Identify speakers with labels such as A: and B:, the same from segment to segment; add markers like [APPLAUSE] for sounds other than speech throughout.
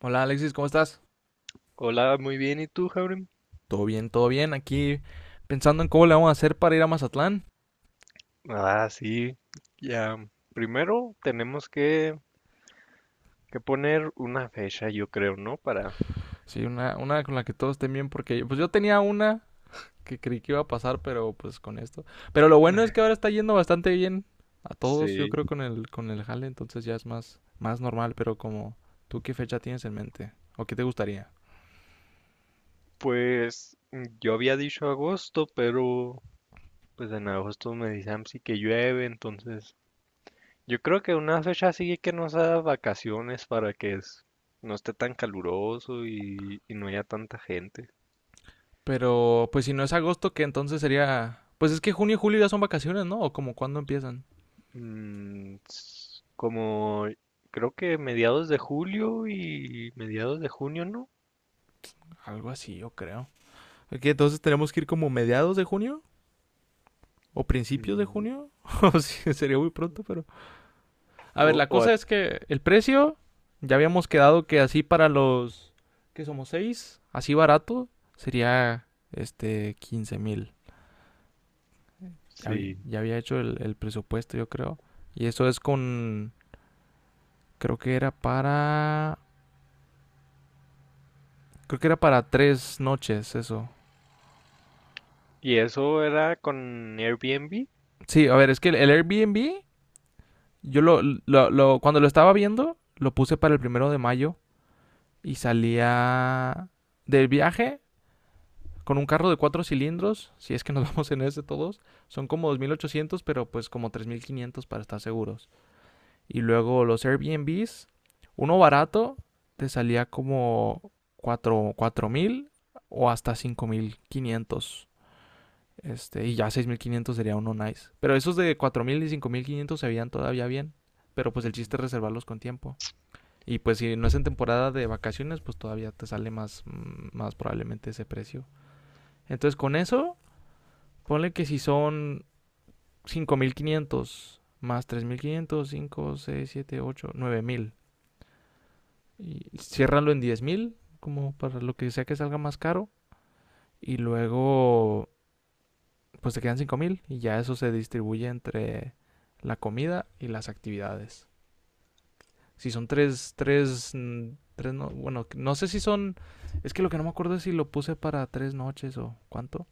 A: Hola Alexis, ¿cómo estás?
B: Hola, muy bien. ¿Y tú, Jaurim?
A: Todo bien, todo bien. Aquí pensando en cómo le vamos a hacer para ir a Mazatlán.
B: Ah, sí. Ya. Primero tenemos que poner una fecha, yo creo, ¿no? Para.
A: Sí, una con la que todos estén bien, porque pues yo tenía una que creí que iba a pasar, pero pues con esto. Pero lo bueno es que ahora está yendo bastante bien a todos, yo
B: Sí.
A: creo, con el jale, entonces ya es más normal, pero como tú qué fecha tienes en mente o qué te gustaría.
B: Pues yo había dicho agosto, pero pues en agosto me dicen sí que llueve, entonces yo creo que una fecha así que nos da vacaciones para que no esté tan caluroso y no haya tanta gente.
A: Pero pues si no es agosto, que entonces sería. Pues es que junio y julio ya son vacaciones, ¿no? O como cuándo empiezan.
B: Como creo que mediados de julio y mediados de junio, ¿no?
A: Algo así, yo creo. Ok, entonces tenemos que ir como mediados de junio o principios de
B: Mm,
A: junio. [LAUGHS] O sí, sería muy pronto, pero. A ver,
B: o-
A: la
B: o a-
A: cosa es que el precio. Ya habíamos quedado que así para los que somos seis, así barato, sería 15.000. Ya,
B: sí.
A: ya había hecho el presupuesto, yo creo. Y eso es con. Creo que era para. Creo que era para tres noches, eso.
B: ¿Y eso era con Airbnb?
A: Sí, a ver, es que el Airbnb, yo lo- Cuando lo estaba viendo, lo puse para el 1 de mayo. Y salía. Del viaje, con un carro de cuatro cilindros, si es que nos [LAUGHS] vamos en ese todos, son como 2.800, pero pues como 3.500 para estar seguros. Y luego los Airbnbs, uno barato te salía como 4, 4.000 o hasta 5.500. Y ya 6.500 sería uno nice. Pero esos de 4.000 y 5.500 se veían todavía bien. Pero pues el
B: Ujú.
A: chiste es reservarlos con tiempo. Y pues si no es en temporada de vacaciones, pues todavía te sale más probablemente ese precio. Entonces con eso, ponle que si son 5.500 más 3.500, cinco, seis, siete, ocho, 9.000. Y ciérralo en 10.000 como para lo que sea que salga más caro. Y luego, pues te quedan 5.000 y ya eso se distribuye entre la comida y las actividades. Si son tres, no, bueno, no sé si son, es que lo que no me acuerdo es si lo puse para tres noches o cuánto.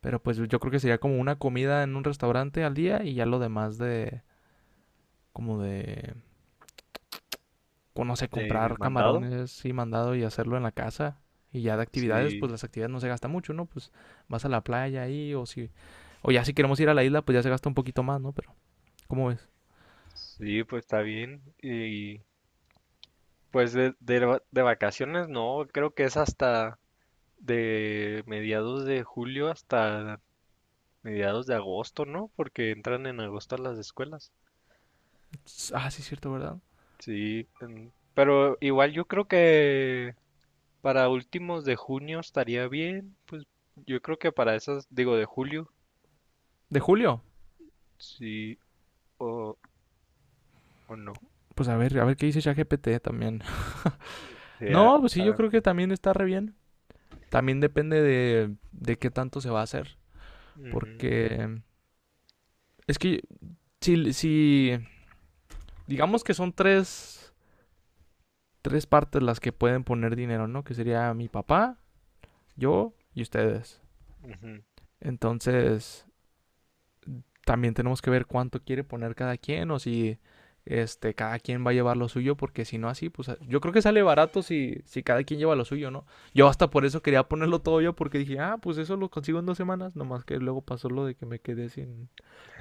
A: Pero pues yo creo que sería como una comida en un restaurante al día y ya lo demás de, como de, pues, no sé,
B: ¿De
A: comprar
B: mandado?
A: camarones y mandado y hacerlo en la casa. Y ya de actividades, pues
B: Sí,
A: las actividades no se gasta mucho, ¿no? Pues vas a la playa ahí O ya si queremos ir a la isla, pues ya se gasta un poquito más, ¿no? Pero, ¿cómo ves?
B: sí, pues está bien. Y pues de vacaciones no, creo que es hasta de mediados de julio hasta mediados de agosto, ¿no? Porque entran en agosto las escuelas.
A: Ah, sí, es cierto, ¿verdad?
B: Sí, pero igual yo creo que para últimos de junio estaría bien, pues yo creo que para esas, digo, de julio.
A: ¿De julio?
B: Sí, o, o no.
A: Pues a ver qué dice ChatGPT también. [LAUGHS]
B: sea,
A: No, pues sí, yo
B: ah,
A: creo que también está re bien. También depende de qué tanto se va a hacer.
B: Ujú,
A: Porque es que si digamos que son tres partes las que pueden poner dinero, ¿no? Que sería mi papá, yo y ustedes.
B: ujú.
A: Entonces, también tenemos que ver cuánto quiere poner cada quien o si cada quien va a llevar lo suyo porque si no así, pues yo creo que sale barato si cada quien lleva lo suyo, ¿no? Yo hasta por eso quería ponerlo todo yo porque dije, "Ah, pues eso lo consigo en 2 semanas", nomás que luego pasó lo de que me quedé sin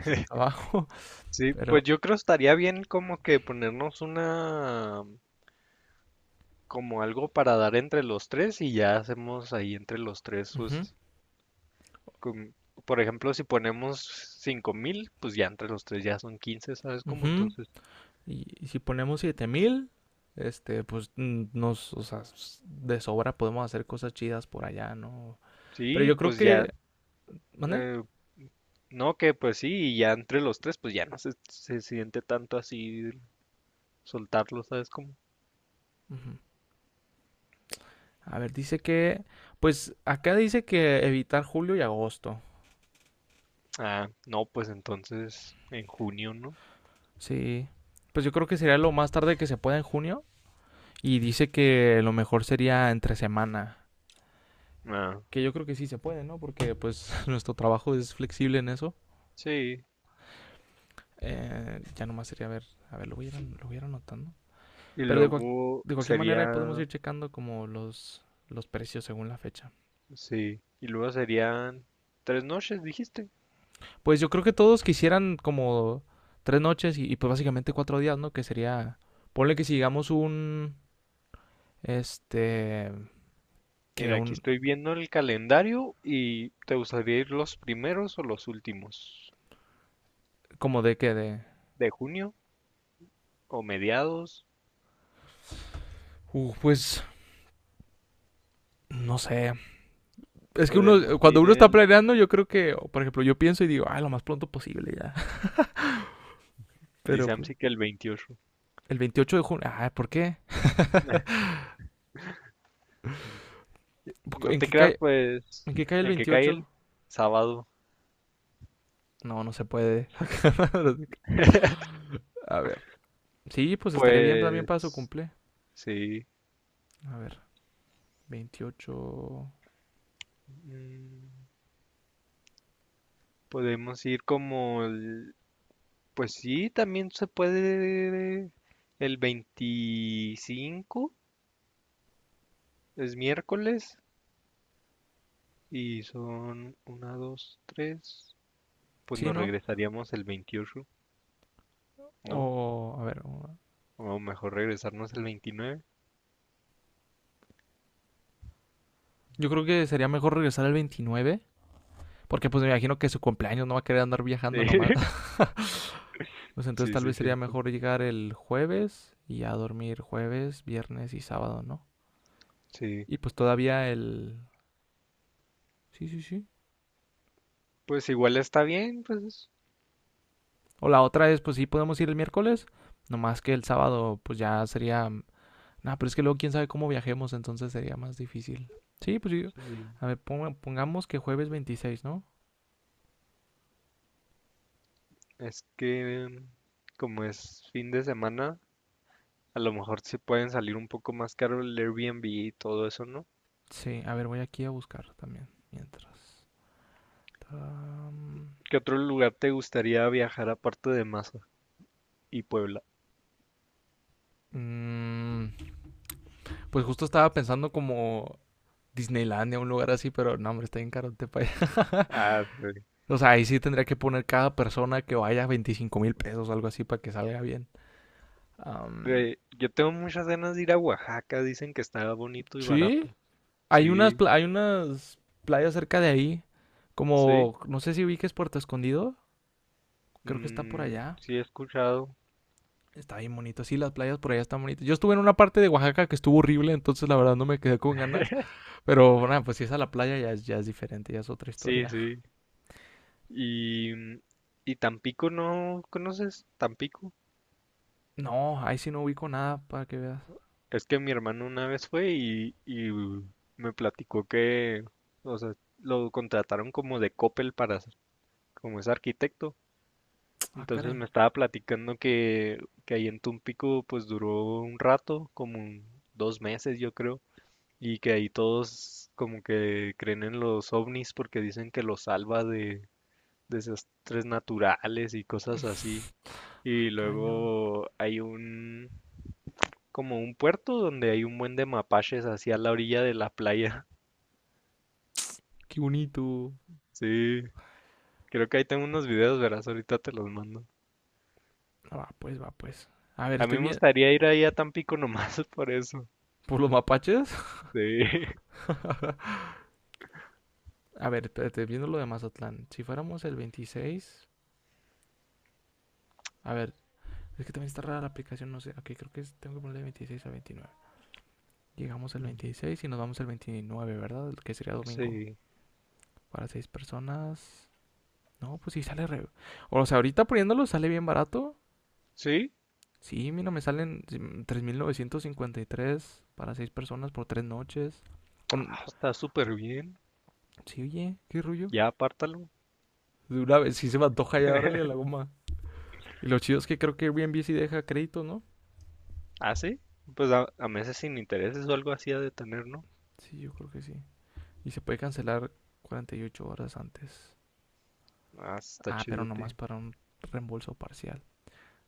A: sin trabajo, [LAUGHS]
B: Sí, pues
A: pero
B: yo creo estaría bien como que ponernos una, como algo para dar entre los tres y ya hacemos ahí entre los tres,
A: ujú,
B: pues, com- por ejemplo, si ponemos 5,000, pues ya entre los tres ya son 15, ¿sabes cómo?
A: ujú.
B: Entonces,
A: Y si ponemos 7.000 pues nos, o sea, de sobra podemos hacer cosas chidas por allá, ¿no? Pero
B: sí,
A: yo creo
B: pues ya,
A: que, ¿mande?
B: eh, no, que pues sí, y ya entre los tres, pues ya no se siente tanto así soltarlo, ¿sabes cómo?
A: Ujú. A ver, pues acá dice que evitar julio y agosto.
B: Ah, no, pues entonces en junio, ¿no?
A: Sí. Pues yo creo que sería lo más tarde que se pueda en junio. Y dice que lo mejor sería entre semana.
B: Ah.
A: Que yo creo que sí se puede, ¿no? Porque pues [LAUGHS] nuestro trabajo es flexible en eso.
B: Sí,
A: Ya nomás sería, a ver, lo voy a ir anotando.
B: y
A: Pero
B: luego
A: de cualquier manera ahí podemos
B: sería,
A: ir checando como los precios según la fecha.
B: sí, y luego serían 3 noches, dijiste.
A: Pues yo creo que todos quisieran como tres noches y pues básicamente cuatro días, ¿no? Que sería, ponle que si llegamos un, este, que
B: Mira, aquí
A: un,
B: estoy viendo el calendario, ¿y te gustaría ir los primeros o los últimos
A: como de que de,
B: de junio, o mediados?
A: pues, no sé. Es que uno,
B: Podemos
A: cuando
B: ir
A: uno está planeando, yo creo que, o por ejemplo, yo pienso y digo, ah, lo más pronto posible ya. [LAUGHS] Pero
B: dice
A: pues,
B: Amsi que el 28.
A: el 28 de junio, ah, ¿por qué?
B: Nah, no
A: ¿En
B: te
A: qué
B: creas,
A: cae,
B: pues,
A: en qué cae el
B: en que cae
A: 28?
B: el sábado.
A: No, no se puede. [LAUGHS] A ver. Sí, pues estaría bien también para su
B: Pues,
A: cumple.
B: sí,
A: A ver, 28.
B: mm, podemos ir como el. Pues sí, también se puede el 25, es miércoles, y son una, dos, tres. Pues
A: Sí,
B: nos
A: ¿no?
B: regresaríamos el 28,
A: O,
B: ¿no?
A: a ver,
B: O mejor regresarnos el 29.
A: yo creo que sería mejor regresar el 29, porque pues me imagino que su cumpleaños no va a querer andar viajando
B: Sí,
A: nomás.
B: [LAUGHS]
A: [LAUGHS] Pues entonces
B: sí,
A: tal
B: sí,
A: vez sería
B: cierto.
A: mejor llegar el jueves y ya dormir jueves, viernes y sábado, ¿no?
B: Sí,
A: Y pues todavía. Sí, sí, sí.
B: pues igual está bien, pues
A: O la otra es, pues sí, podemos ir el miércoles, nomás que el sábado pues ya sería. Nah, pero es que luego quién sabe cómo viajemos, entonces sería más difícil. Sí, pues
B: sí.
A: a ver, pongamos que jueves 26, ¿no?
B: Es que como es fin de semana, a lo mejor se pueden salir un poco más caro el Airbnb y todo eso, ¿no?
A: Sí, a ver, voy aquí a buscar también. Mientras. Taram.
B: ¿Qué otro lugar te gustaría viajar aparte de más? Y Puebla.
A: Mm, pues justo estaba pensando como Disneylandia, un lugar así, pero no, hombre, está bien carote para allá. [LAUGHS]
B: Ah, güey.
A: O sea, ahí sí tendría que poner cada persona que vaya 25.000 pesos, algo así, para que salga bien. Am,
B: Güey, yo tengo muchas ganas de ir a Oaxaca, dicen que está bonito y
A: sí,
B: barato.
A: hay unas,
B: Sí,
A: pla- hay unas playas cerca de ahí,
B: sí,
A: como, no sé si ubiques Puerto Escondido. Creo que está por allá.
B: sí he escuchado.
A: Está bien bonito. Sí, las playas por allá están bonitas. Yo estuve en una parte de Oaxaca que estuvo horrible, entonces la verdad no me quedé con ganas. Pero nada, pues si es a la playa ya, ya es diferente, ya es otra
B: Sí,
A: historia.
B: sí.
A: [LAUGHS]
B: Y, mm, y Tampico, ¿no conoces Tampico?
A: No, ahí sí no ubico nada para que veas.
B: Es que mi hermano una vez fue y me platicó que, o sea, lo contrataron como de Coppel como es arquitecto.
A: Ah,
B: Entonces
A: caray,
B: me estaba platicando que ahí en Tumpico pues duró un rato, como 2 meses yo creo, y que ahí todos como que creen en los ovnis porque dicen que los salva de desastres naturales y cosas así. Y
A: cañón.
B: luego hay un, como un puerto donde hay un buen de mapaches así a la orilla de la playa. [LAUGHS]
A: Qué bonito.
B: Sí, creo que ahí tengo unos videos, verás, ahorita te los mando.
A: Ah, va, pues, va, pues. A ver,
B: A mí
A: estoy
B: me
A: bien.
B: gustaría ir ahí a Tampico nomás [LAUGHS] por eso.
A: ¿Por los mapaches? [LAUGHS]
B: Sí. [LAUGHS]
A: A ver, espérate, viendo lo de Mazatlán. Si fuéramos el 26. A ver, es que también está rara la aplicación, no sé. Ok, tengo que ponerle 26 a 29. Llegamos el 26 y nos vamos el 29, ¿verdad? El que sería domingo.
B: Sí.
A: Para seis personas. No, pues sí sale re. O sea, ahorita poniéndolo sale bien barato.
B: Sí,
A: Sí, mira, me salen 3.953 para seis personas por tres noches. O
B: ah, está súper bien.
A: Sí, oye, qué rollo.
B: Ya apártalo.
A: De una vez, sí se me antoja ya, órale a la goma. Y lo chido es que creo que Airbnb sí deja crédito, ¿no?
B: Ah, sí. Pues a meses sin intereses o algo así ha de tener, ¿no?
A: Sí, yo creo que sí. Y se puede cancelar 48 horas antes.
B: Ah, está
A: Ah, pero nomás
B: chidote.
A: para un reembolso parcial.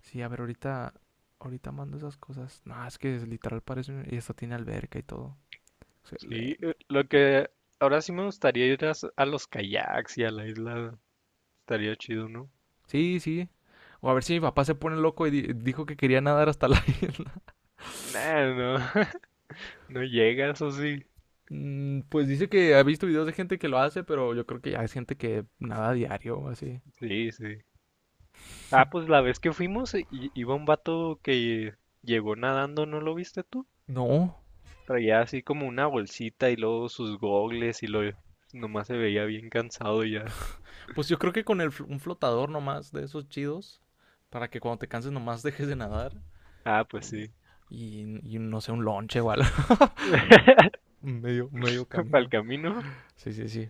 A: Sí, a ver, ahorita mando esas cosas. No, es que es literal parece y esto tiene alberca y todo.
B: Sí,
A: Excelente.
B: lo
A: Y-
B: que ahora sí me gustaría ir a los kayaks y a la isla. Estaría chido, ¿no?
A: Sí, sí. O a ver si mi papá se pone loco y dijo que quería nadar hasta la [LAUGHS] isla.
B: Nah, no, [LAUGHS] no llega, eso sí.
A: Pues dice que ha visto videos de gente que lo hace, pero yo creo que ya es gente que nada diario o así.
B: Sí, sí. Ah, pues la vez que fuimos, iba un vato que llegó nadando, ¿no lo viste tú?
A: No.
B: Traía así como una bolsita y luego sus gogles y lo nomás se veía bien cansado ya.
A: Pues yo creo que con un flotador nomás de esos chidos, para que cuando te canses nomás [LAUGHS] dejes de nadar
B: Ah, pues
A: y,
B: sí.
A: y no sé, un lonche o algo. [LAUGHS] Medio
B: [LAUGHS] Para el
A: camino.
B: camino,
A: Sí, sí, sí.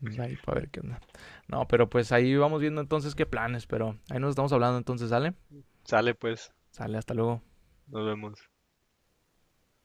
A: Ahí para ver qué onda. No, pero pues ahí vamos viendo entonces qué planes, pero ahí nos estamos hablando entonces, ¿sale?
B: sale pues.
A: Sale, hasta luego.
B: Nos vemos.